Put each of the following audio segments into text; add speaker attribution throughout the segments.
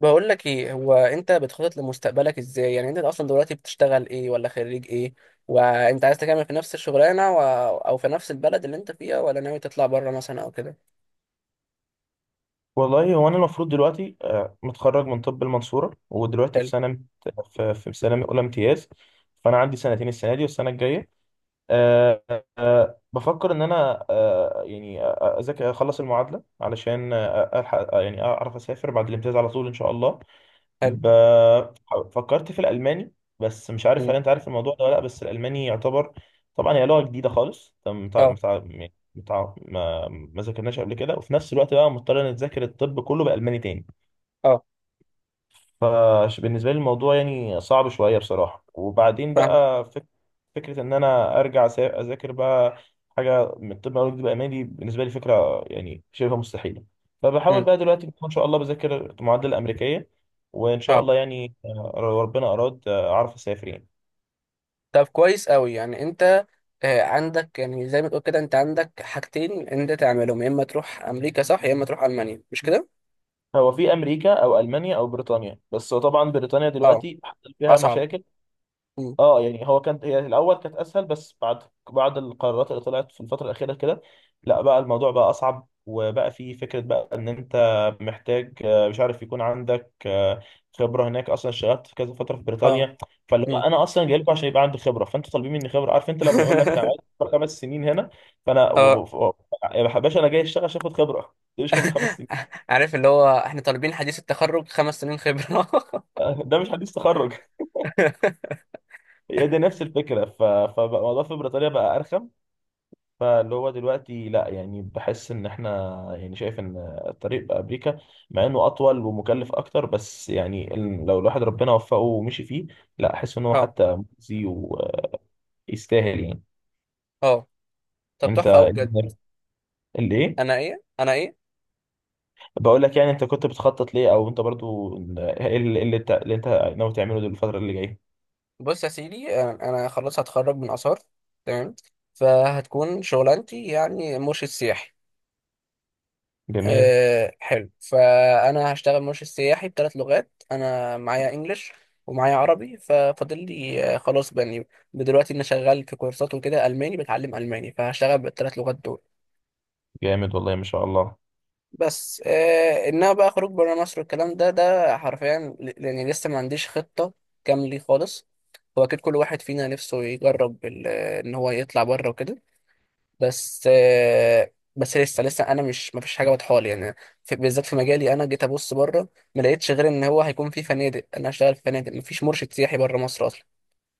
Speaker 1: بقول لك ايه، هو انت بتخطط لمستقبلك ازاي؟ يعني انت اصلا دلوقتي بتشتغل ايه ولا خريج ايه؟ وانت عايز تكمل في نفس الشغلانه و... او في نفس البلد اللي انت فيها، ولا ناوي تطلع بره مثلا او كده؟
Speaker 2: والله هو انا المفروض دلوقتي متخرج من طب المنصوره، ودلوقتي
Speaker 1: حلو.
Speaker 2: في سنه اولى امتياز. فانا عندي سنتين، السنه دي والسنه الجايه. آه، بفكر ان انا يعني اذاكر اخلص المعادله علشان الحق، يعني اعرف اسافر بعد الامتياز على طول ان شاء الله.
Speaker 1: حلو.
Speaker 2: ب... فكرت في الألماني، بس مش عارف
Speaker 1: مم.
Speaker 2: هل أنت عارف الموضوع ده ولا لأ. بس الألماني يعتبر طبعا هي لغة جديدة خالص، أنت متع...
Speaker 1: اه.
Speaker 2: متع... يعني متع... ما... ما ذاكرناش قبل كده، وفي نفس الوقت بقى مضطر نتذاكر الطب كله بألماني تاني.
Speaker 1: اه.
Speaker 2: فبالنسبة لي الموضوع يعني صعب شوية بصراحة. وبعدين
Speaker 1: فاهم.
Speaker 2: بقى فكرة إن أنا أرجع أذاكر بقى حاجة من طب أو طب ألماني، بالنسبة لي فكرة يعني شبه مستحيلة. فبحاول
Speaker 1: مم.
Speaker 2: بقى دلوقتي إن شاء الله بذاكر المعادلة الأمريكية، وإن شاء
Speaker 1: اه،
Speaker 2: الله يعني لو ربنا أراد أعرف أسافر يعني.
Speaker 1: طب كويس قوي. يعني انت عندك، يعني زي ما تقول كده، انت عندك حاجتين انت تعملهم: يا اما تروح امريكا، صح، يا اما تروح المانيا، مش كده؟
Speaker 2: هو في أمريكا أو ألمانيا أو بريطانيا، بس هو طبعا بريطانيا
Speaker 1: اه،
Speaker 2: دلوقتي حصل فيها
Speaker 1: اصعب.
Speaker 2: مشاكل.
Speaker 1: مم.
Speaker 2: اه، يعني هو كانت، هي الاول كانت اسهل، بس بعد القرارات اللي طلعت في الفتره الاخيره كده، لا بقى الموضوع بقى اصعب، وبقى في فكره بقى ان انت محتاج مش عارف، يكون عندك خبره هناك اصلا، اشتغلت في كذا فتره في
Speaker 1: اه.
Speaker 2: بريطانيا. فاللي هو
Speaker 1: مم.
Speaker 2: انا اصلا جاي لكم عشان يبقى عندي خبره، فانتوا طالبين مني خبره. عارف انت لما يقول لك أنا عايز خبرة 5 سنين هنا، فانا
Speaker 1: اه.
Speaker 2: يا باشا انا جاي اشتغل عشان اخد خبره دي، مش خبره 5 سنين.
Speaker 1: عارف اللي هو احنا طالبين حديث التخرج خمس سنين خبرة.
Speaker 2: ده مش حديث تخرج، هي دي نفس الفكره. فبقى الموضوع في بريطانيا بقى ارخم. فاللي هو دلوقتي لا، يعني بحس ان احنا، يعني شايف ان الطريق بامريكا، مع انه اطول ومكلف اكتر، بس يعني لو الواحد ربنا وفقه ومشي فيه، لا، احس ان هو
Speaker 1: اه.
Speaker 2: حتى مجزي ويستاهل يعني.
Speaker 1: اه، طب
Speaker 2: انت
Speaker 1: تحفة أوي بجد.
Speaker 2: الايه؟
Speaker 1: أنا إيه؟ أنا إيه؟
Speaker 2: بقول لك، يعني انت كنت بتخطط ليه، او انت برضو ايه اللي انت ناوي تعمله دول الفترة اللي جاية؟
Speaker 1: بص يا سيدي، أنا خلاص هتخرج من آثار. تمام. فهتكون شغلانتي يعني مرشد سياحي.
Speaker 2: جميل.
Speaker 1: أه حلو، فأنا هشتغل مرشد سياحي بثلاث لغات. أنا معايا إنجلش ومعايا عربي، ففاضل لي خلاص بني، دلوقتي أنا شغال في كورسات وكده ألماني، بتعلم ألماني، فهشتغل بالثلاث لغات دول.
Speaker 2: جامد والله، ما شاء الله.
Speaker 1: بس آه انها بقى خروج بره مصر والكلام ده، ده حرفيا ل- لاني لسه ما عنديش خطه كامله خالص. هو اكيد كل واحد فينا نفسه يجرب ال- ان هو يطلع بره وكده، بس آه بس لسه انا مش، ما فيش حاجه واضحه لي يعني. في، بالذات في مجالي، انا جيت ابص بره، ما لقيتش غير ان هو هيكون في فنادق. انا هشتغل في فنادق، ما فيش مرشد سياحي بره مصر اصلا.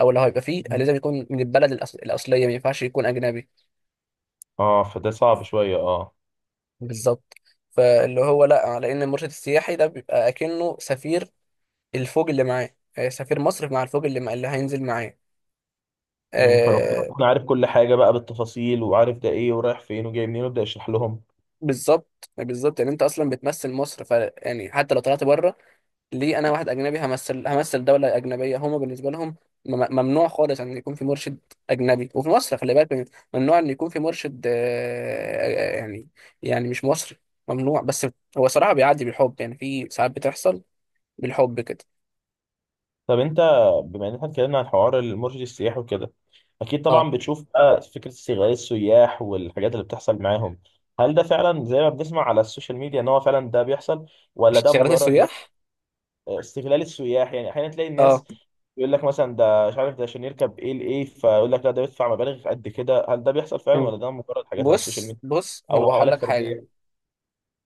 Speaker 1: او لو هيبقى فيه،
Speaker 2: مم.
Speaker 1: لازم يكون من البلد الأصل... الاصليه، ما ينفعش يكون اجنبي.
Speaker 2: اه، فده صعب شويه، اه.
Speaker 1: بالظبط. فاللي هو لا، على ان المرشد السياحي ده بيبقى اكنه سفير الفوج اللي معاه، سفير مصر مع الفوج اللي مع اللي هينزل معاه.
Speaker 2: مم، فلو كنت
Speaker 1: آه،
Speaker 2: أكون عارف كل حاجه بقى بالتفاصيل، وعارف ده ايه ورايح فين وجاي منين، وابدا اشرح لهم.
Speaker 1: بالظبط بالظبط. يعني انت اصلا بتمثل مصر، ف يعني حتى لو طلعت بره، ليه انا واحد اجنبي همثل دوله اجنبيه هما بالنسبه لهم؟ ممنوع خالص ان يكون في مرشد اجنبي. وفي مصر خلي بالك، ممنوع ان يكون في مرشد يعني، يعني مش مصري. ممنوع، بس هو صراحه بيعدي بالحب، يعني في ساعات بتحصل بالحب كده.
Speaker 2: طب انت، بما ان احنا اتكلمنا عن حوار المرشد السياحي وكده، اكيد
Speaker 1: اه،
Speaker 2: طبعا بتشوف بقى فكره استغلال السياح والحاجات اللي بتحصل معاهم. هل ده فعلا زي ما بنسمع على السوشيال ميديا ان هو فعلا ده بيحصل، ولا ده
Speaker 1: اشتغالات
Speaker 2: مجرد بس؟
Speaker 1: السياح.
Speaker 2: استغلال السياح، يعني احيانا تلاقي الناس
Speaker 1: اه.
Speaker 2: يقول لك مثلا ده مش عارف ده عشان يركب ايه لايه، فيقول لك لا ده بيدفع مبالغ قد كده. هل ده بيحصل فعلا
Speaker 1: مم.
Speaker 2: ولا ده مجرد حاجات على السوشيال
Speaker 1: بص،
Speaker 2: ميديا
Speaker 1: بص، هو
Speaker 2: او
Speaker 1: هقول
Speaker 2: حالات
Speaker 1: لك حاجه.
Speaker 2: فرديه؟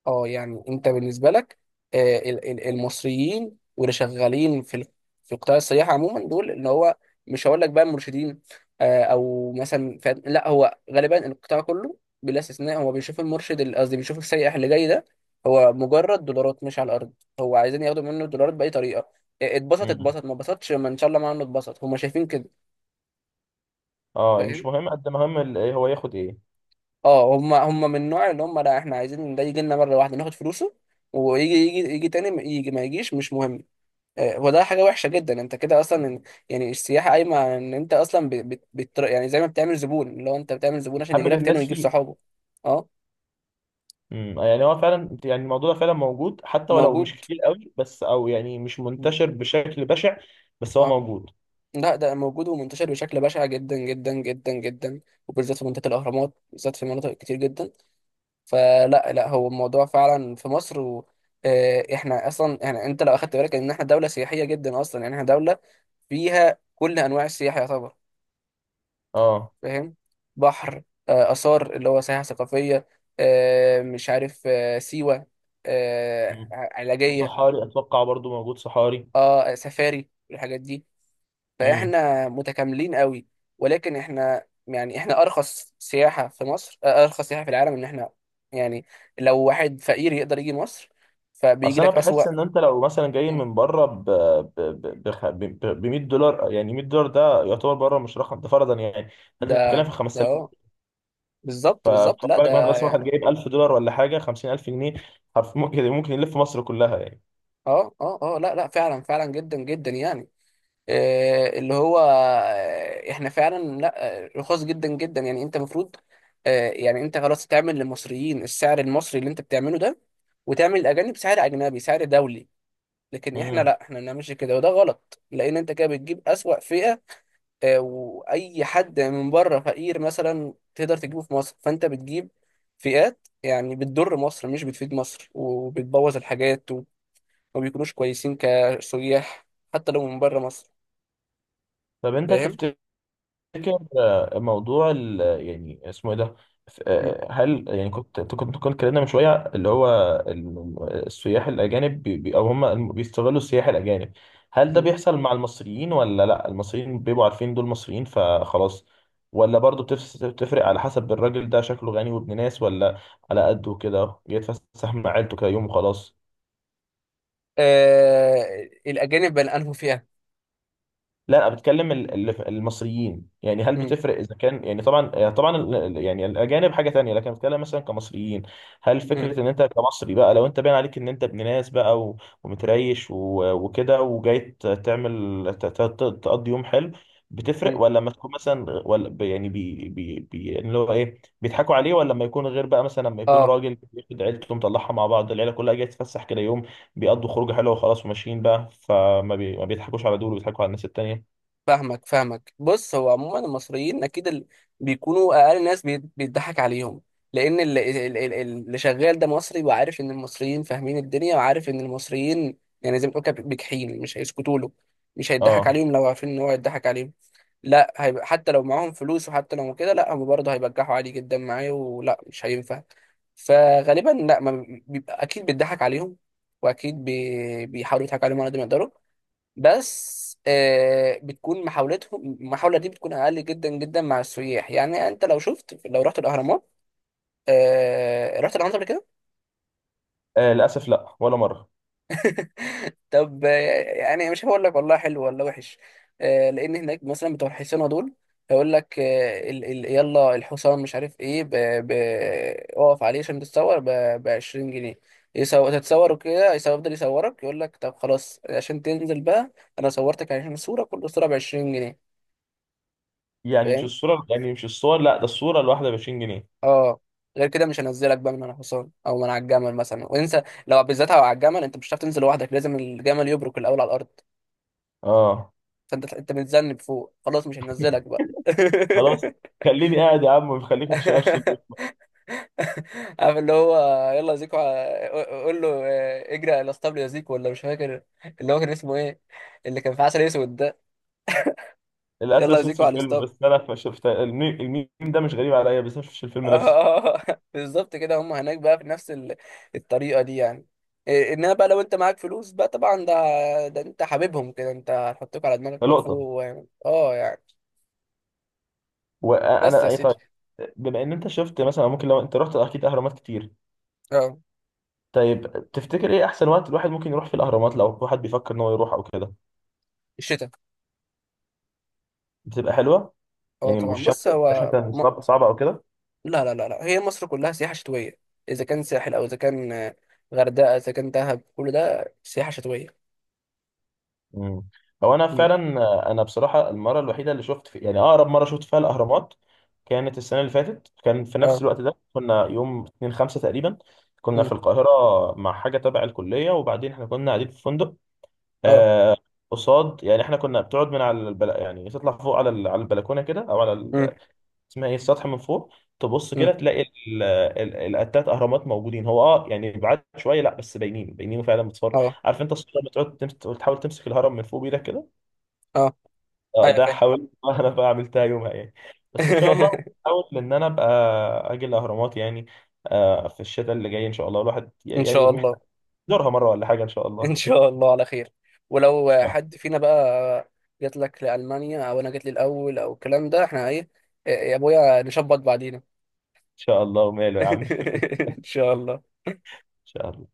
Speaker 1: اه يعني انت بالنسبه لك، المصريين واللي شغالين في في قطاع السياحه عموما، دول اللي هو، مش هقول لك بقى مرشدين، او مثلا ف- لا، هو غالبا القطاع كله بلا استثناء هو بيشوف المرشد اللي- قصدي بيشوف السائح اللي جاي ده هو مجرد دولارات مش على الارض. هو عايزين ياخدوا منه الدولارات باي طريقه. اتبسط
Speaker 2: امم
Speaker 1: اتبسط، ما اتبسطش ما، ان شاء الله، ما عنه اتبسط، هم شايفين كده.
Speaker 2: اه، مش
Speaker 1: فاهم.
Speaker 2: مهم قد ما هم ايه، هو ياخد ايه.
Speaker 1: اه، هم من النوع اللي هم لا، احنا عايزين ده يجي لنا مره واحده ناخد فلوسه، ويجي يجي تاني، ما يجي ما يجيش مش مهم. وده حاجة وحشة جدا، انت كده اصلا إن- يعني السياحة قايمة على ان انت اصلا يعني زي ما بتعمل زبون، اللي هو انت بتعمل زبون عشان يجي
Speaker 2: حبب
Speaker 1: لك تاني
Speaker 2: الناس
Speaker 1: ويجيب
Speaker 2: فيه.
Speaker 1: صحابه. اه،
Speaker 2: يعني هو فعلا، يعني الموضوع ده فعلا موجود، حتى ولو
Speaker 1: موجود.
Speaker 2: مش كتير قوي، بس او يعني مش
Speaker 1: مم.
Speaker 2: منتشر بشكل بشع، بس هو
Speaker 1: اه،
Speaker 2: موجود.
Speaker 1: لا ده موجود ومنتشر بشكل بشع جدا جدا جدا جدا. وبالذات في منطقة الأهرامات، بالذات في مناطق كتير جدا. فلا لا، هو الموضوع فعلا في مصر و احنا اصلا، يعني انت لو اخدت بالك ان احنا دولة سياحية جدا اصلا. يعني احنا دولة فيها كل انواع السياحة يعتبر.
Speaker 2: اه.
Speaker 1: فاهم. بحر، آثار اللي هو سياحة ثقافية، مش عارف، سيوة،
Speaker 2: امم
Speaker 1: علاجية.
Speaker 2: وصحاري اتوقع برضو موجود، صحاري.
Speaker 1: اه، سفاري والحاجات دي.
Speaker 2: امم
Speaker 1: فاحنا متكاملين قوي. ولكن احنا يعني احنا ارخص سياحة في مصر، ارخص سياحة في العالم، ان احنا يعني لو واحد فقير يقدر يجي مصر، فبيجي
Speaker 2: اصل انا
Speaker 1: لك اسوأ.
Speaker 2: بحس ان انت لو مثلا جاي
Speaker 1: مم.
Speaker 2: من بره ب ب ب بخ- ب ب 100 دولار. يعني 100 دولار ده يعتبر بره مش رقم، ده فرضا يعني. انت بتتكلم
Speaker 1: ده.
Speaker 2: في
Speaker 1: ده
Speaker 2: 5000.
Speaker 1: اه. بالظبط بالظبط،
Speaker 2: فخد
Speaker 1: لا ده
Speaker 2: بالك، مثلا مثلا واحد
Speaker 1: يعني
Speaker 2: جايب 1000 دولار ولا حاجه، 50000 جنيه، حرف ممكن يلف مصر كلها يعني.
Speaker 1: اه اه اه لا لا، فعلا فعلا جدا جدا يعني آه، اللي هو آه، احنا فعلا لا، رخاص جدا جدا. يعني انت المفروض يعني انت خلاص تعمل للمصريين السعر المصري اللي انت بتعمله ده، وتعمل الاجانب سعر اجنبي، سعر دولي. لكن احنا
Speaker 2: امم
Speaker 1: لا، احنا ما بنعملش كده، وده غلط، لان انت كده بتجيب اسوأ فئة. واي حد من بره فقير مثلا تقدر تجيبه في مصر. فانت بتجيب فئات يعني بتضر مصر مش بتفيد مصر، وبتبوظ الحاجات وما بيكونوش كويسين كسياح، حتى لو من بره مصر.
Speaker 2: طب انت
Speaker 1: فاهم؟
Speaker 2: تفتكر موضوع يعني اسمه ايه ده؟ هل يعني كنت اتكلمنا من شويه، اللي هو السياح الاجانب او هم بيستغلوا السياح الاجانب، هل ده
Speaker 1: م.
Speaker 2: بيحصل مع المصريين، ولا لا، المصريين بيبقوا عارفين دول مصريين فخلاص؟ ولا برضه بتفرق على حسب الراجل، ده شكله غني وابن ناس، ولا على قده كده جاي يتفسح مع عيلته كده يوم وخلاص؟
Speaker 1: آه الأجانب بل أنهوا فيها.
Speaker 2: لا انا بتكلم المصريين. يعني هل
Speaker 1: م.
Speaker 2: بتفرق اذا كان، يعني طبعا، يعني الاجانب حاجه تانية، لكن بتكلم مثلا كمصريين. هل
Speaker 1: م.
Speaker 2: فكره ان انت كمصري بقى، لو انت باين عليك ان انت ابن ناس بقى ومتريش وكده، وجاي تعمل تقضي يوم حلو، بتفرق؟
Speaker 1: م.
Speaker 2: ولا لما تكون مثلا، ولا يعني بي بي بي يعني اللي هو ايه، بيضحكوا عليه. ولا لما يكون غير بقى، مثلا لما يكون
Speaker 1: اه،
Speaker 2: راجل بياخد عيلته مطلعها مع بعض، العيله كلها جايه تتفسح كده يوم، بيقضوا خروجه حلوه وخلاص وماشيين بقى، فما بي ما بيضحكوش على دول، وبيضحكوا على الناس التانيه.
Speaker 1: فاهمك فاهمك. بص، هو عموما المصريين أكيد ال... بيكونوا أقل ناس بيت- بيتضحك عليهم، لأن اللي شغال ده مصري، وعارف إن المصريين فاهمين الدنيا، وعارف إن المصريين يعني زي ما بتقول كده بجحين، مش هيسكتوا له. مش هيضحك
Speaker 2: اه.
Speaker 1: عليهم لو عارفين إن هو هيضحك عليهم. لا، هيبقى حتى لو معاهم فلوس، وحتى لو كده، لا، هم برضه هيبجحوا عادي جدا معايا، ولا مش هينفع. فغالبا لا، ما بيبقى اكيد بيضحك عليهم، واكيد بي... بيحاولوا يضحكوا عليهم على قد ما يقدروا. بس آه بتكون محاولتهم، المحاولة دي بتكون اقل جدا جدا مع السياح. يعني انت لو شفت، لو رحت الاهرامات، آه رحت الاهرامات قبل كده؟
Speaker 2: للاسف لا، ولا مره.
Speaker 1: طب يعني مش هقول لك والله حلو ولا وحش. لان هناك مثلا بتوع الحصانه دول هيقول لك آه، ال ال يلا الحصان مش عارف ايه، ب اقف عليه عشان تتصور ب 20 جنيه. يصور تتصور وكده، يصور- يفضل يصورك، يقول لك طب خلاص عشان تنزل بقى، انا صورتك عشان صوره، كل صوره ب 20 جنيه.
Speaker 2: يعني مش
Speaker 1: فاهم.
Speaker 2: الصوره، يعني مش الصور، لا، ده الصوره الواحده ب 20 جنيه.
Speaker 1: اه، غير كده مش هنزلك بقى من على الحصان او من على الجمل مثلا. وانسى لو بالذات على الجمل، انت مش هتعرف تنزل لوحدك، لازم الجمل يبرك الاول على الارض.
Speaker 2: اه،
Speaker 1: فانت انت بتذنب فوق، خلاص مش هنزلك بقى.
Speaker 2: خلاص، خليني قاعد يا عم، خليك ما تشتغلش طول اليوم.
Speaker 1: عارف اللي هو يلا يا زيكو، ع- قول له اجري على الاسطبل يا زيكو، ولا مش فاكر اللي هو كان اسمه ايه اللي كان في عسل اسود ده؟ يلا
Speaker 2: للاسف
Speaker 1: يا
Speaker 2: شفت
Speaker 1: زيكو على
Speaker 2: الفيلم،
Speaker 1: الاسطبل.
Speaker 2: بس انا ما شفت الميم. الميم ده مش غريب عليا، بس انا ما شفتش الفيلم نفسه.
Speaker 1: آه، بالظبط كده، هم هناك بقى في نفس الطريقه دي يعني. إيه، انما بقى لو انت معاك فلوس بقى، طبعا ده، ده انت حبيبهم كده، انت هتحطوك على دماغك
Speaker 2: ده
Speaker 1: من فوق.
Speaker 2: لقطه.
Speaker 1: و- اه يعني. بس
Speaker 2: وانا
Speaker 1: يا
Speaker 2: اي، طيب،
Speaker 1: سيدي.
Speaker 2: بما ان انت شفت مثلا، ممكن لو انت رحت اكيد اهرامات كتير،
Speaker 1: اه،
Speaker 2: طيب تفتكر ايه احسن وقت الواحد ممكن يروح في الاهرامات، لو واحد بيفكر ان هو يروح او كده؟
Speaker 1: الشتاء.
Speaker 2: بتبقى حلوه
Speaker 1: اه
Speaker 2: يعني.
Speaker 1: طبعا،
Speaker 2: والشمس،
Speaker 1: بص هو
Speaker 2: الشمس صعبه صعبه او كده؟
Speaker 1: لا لا لا لا، هي مصر كلها سياحة شتوية. إذا كان ساحل، أو إذا كان غردقة، إذا كان دهب، كل ده سياحة شتوية.
Speaker 2: مم. هو انا
Speaker 1: مم.
Speaker 2: فعلا. انا بصراحه المره الوحيده اللي شفت في، يعني اقرب مره شفت فيها الاهرامات، كانت السنه اللي فاتت. كان في نفس
Speaker 1: اه.
Speaker 2: الوقت ده، كنا يوم 2 5 تقريبا، كنا في
Speaker 1: مم.
Speaker 2: القاهره مع حاجه تبع الكليه. وبعدين احنا كنا قاعدين في فندق
Speaker 1: اه.
Speaker 2: آه قصاد، يعني احنا كنا بتقعد من على يعني تطلع فوق على على البلكونه كده، او على
Speaker 1: مم.
Speaker 2: اسمها ايه، السطح من فوق، تبص
Speaker 1: مم.
Speaker 2: كده تلاقي التلات اهرامات موجودين. هو اه، يعني بعاد شويه، لا بس باينين باينين فعلا بتصور.
Speaker 1: اه.
Speaker 2: عارف انت الصوره لما تقعد تحاول تمسك الهرم من فوق بايدك كده.
Speaker 1: اه.
Speaker 2: اه،
Speaker 1: ايوه
Speaker 2: ده
Speaker 1: فاهم.
Speaker 2: حاولت. انا بقى عملتها يومها يعني. بس ان شاء الله احاول ان انا ابقى اجي الاهرامات يعني في الشتاء اللي جاي ان شاء الله. الواحد
Speaker 1: إن
Speaker 2: يعني
Speaker 1: شاء الله.
Speaker 2: محتاج يزورها مره ولا حاجه، ان شاء الله. ان
Speaker 1: إن شاء الله على خير. ولو
Speaker 2: شاء إن
Speaker 1: حد فينا بقى جات لك لألمانيا، أو أنا جات لي الأول، أو الكلام ده، إحنا إيه يا أبويا نشبط بعدينا.
Speaker 2: شاء الله وماله يا عم. ان
Speaker 1: إن شاء الله.
Speaker 2: شاء الله.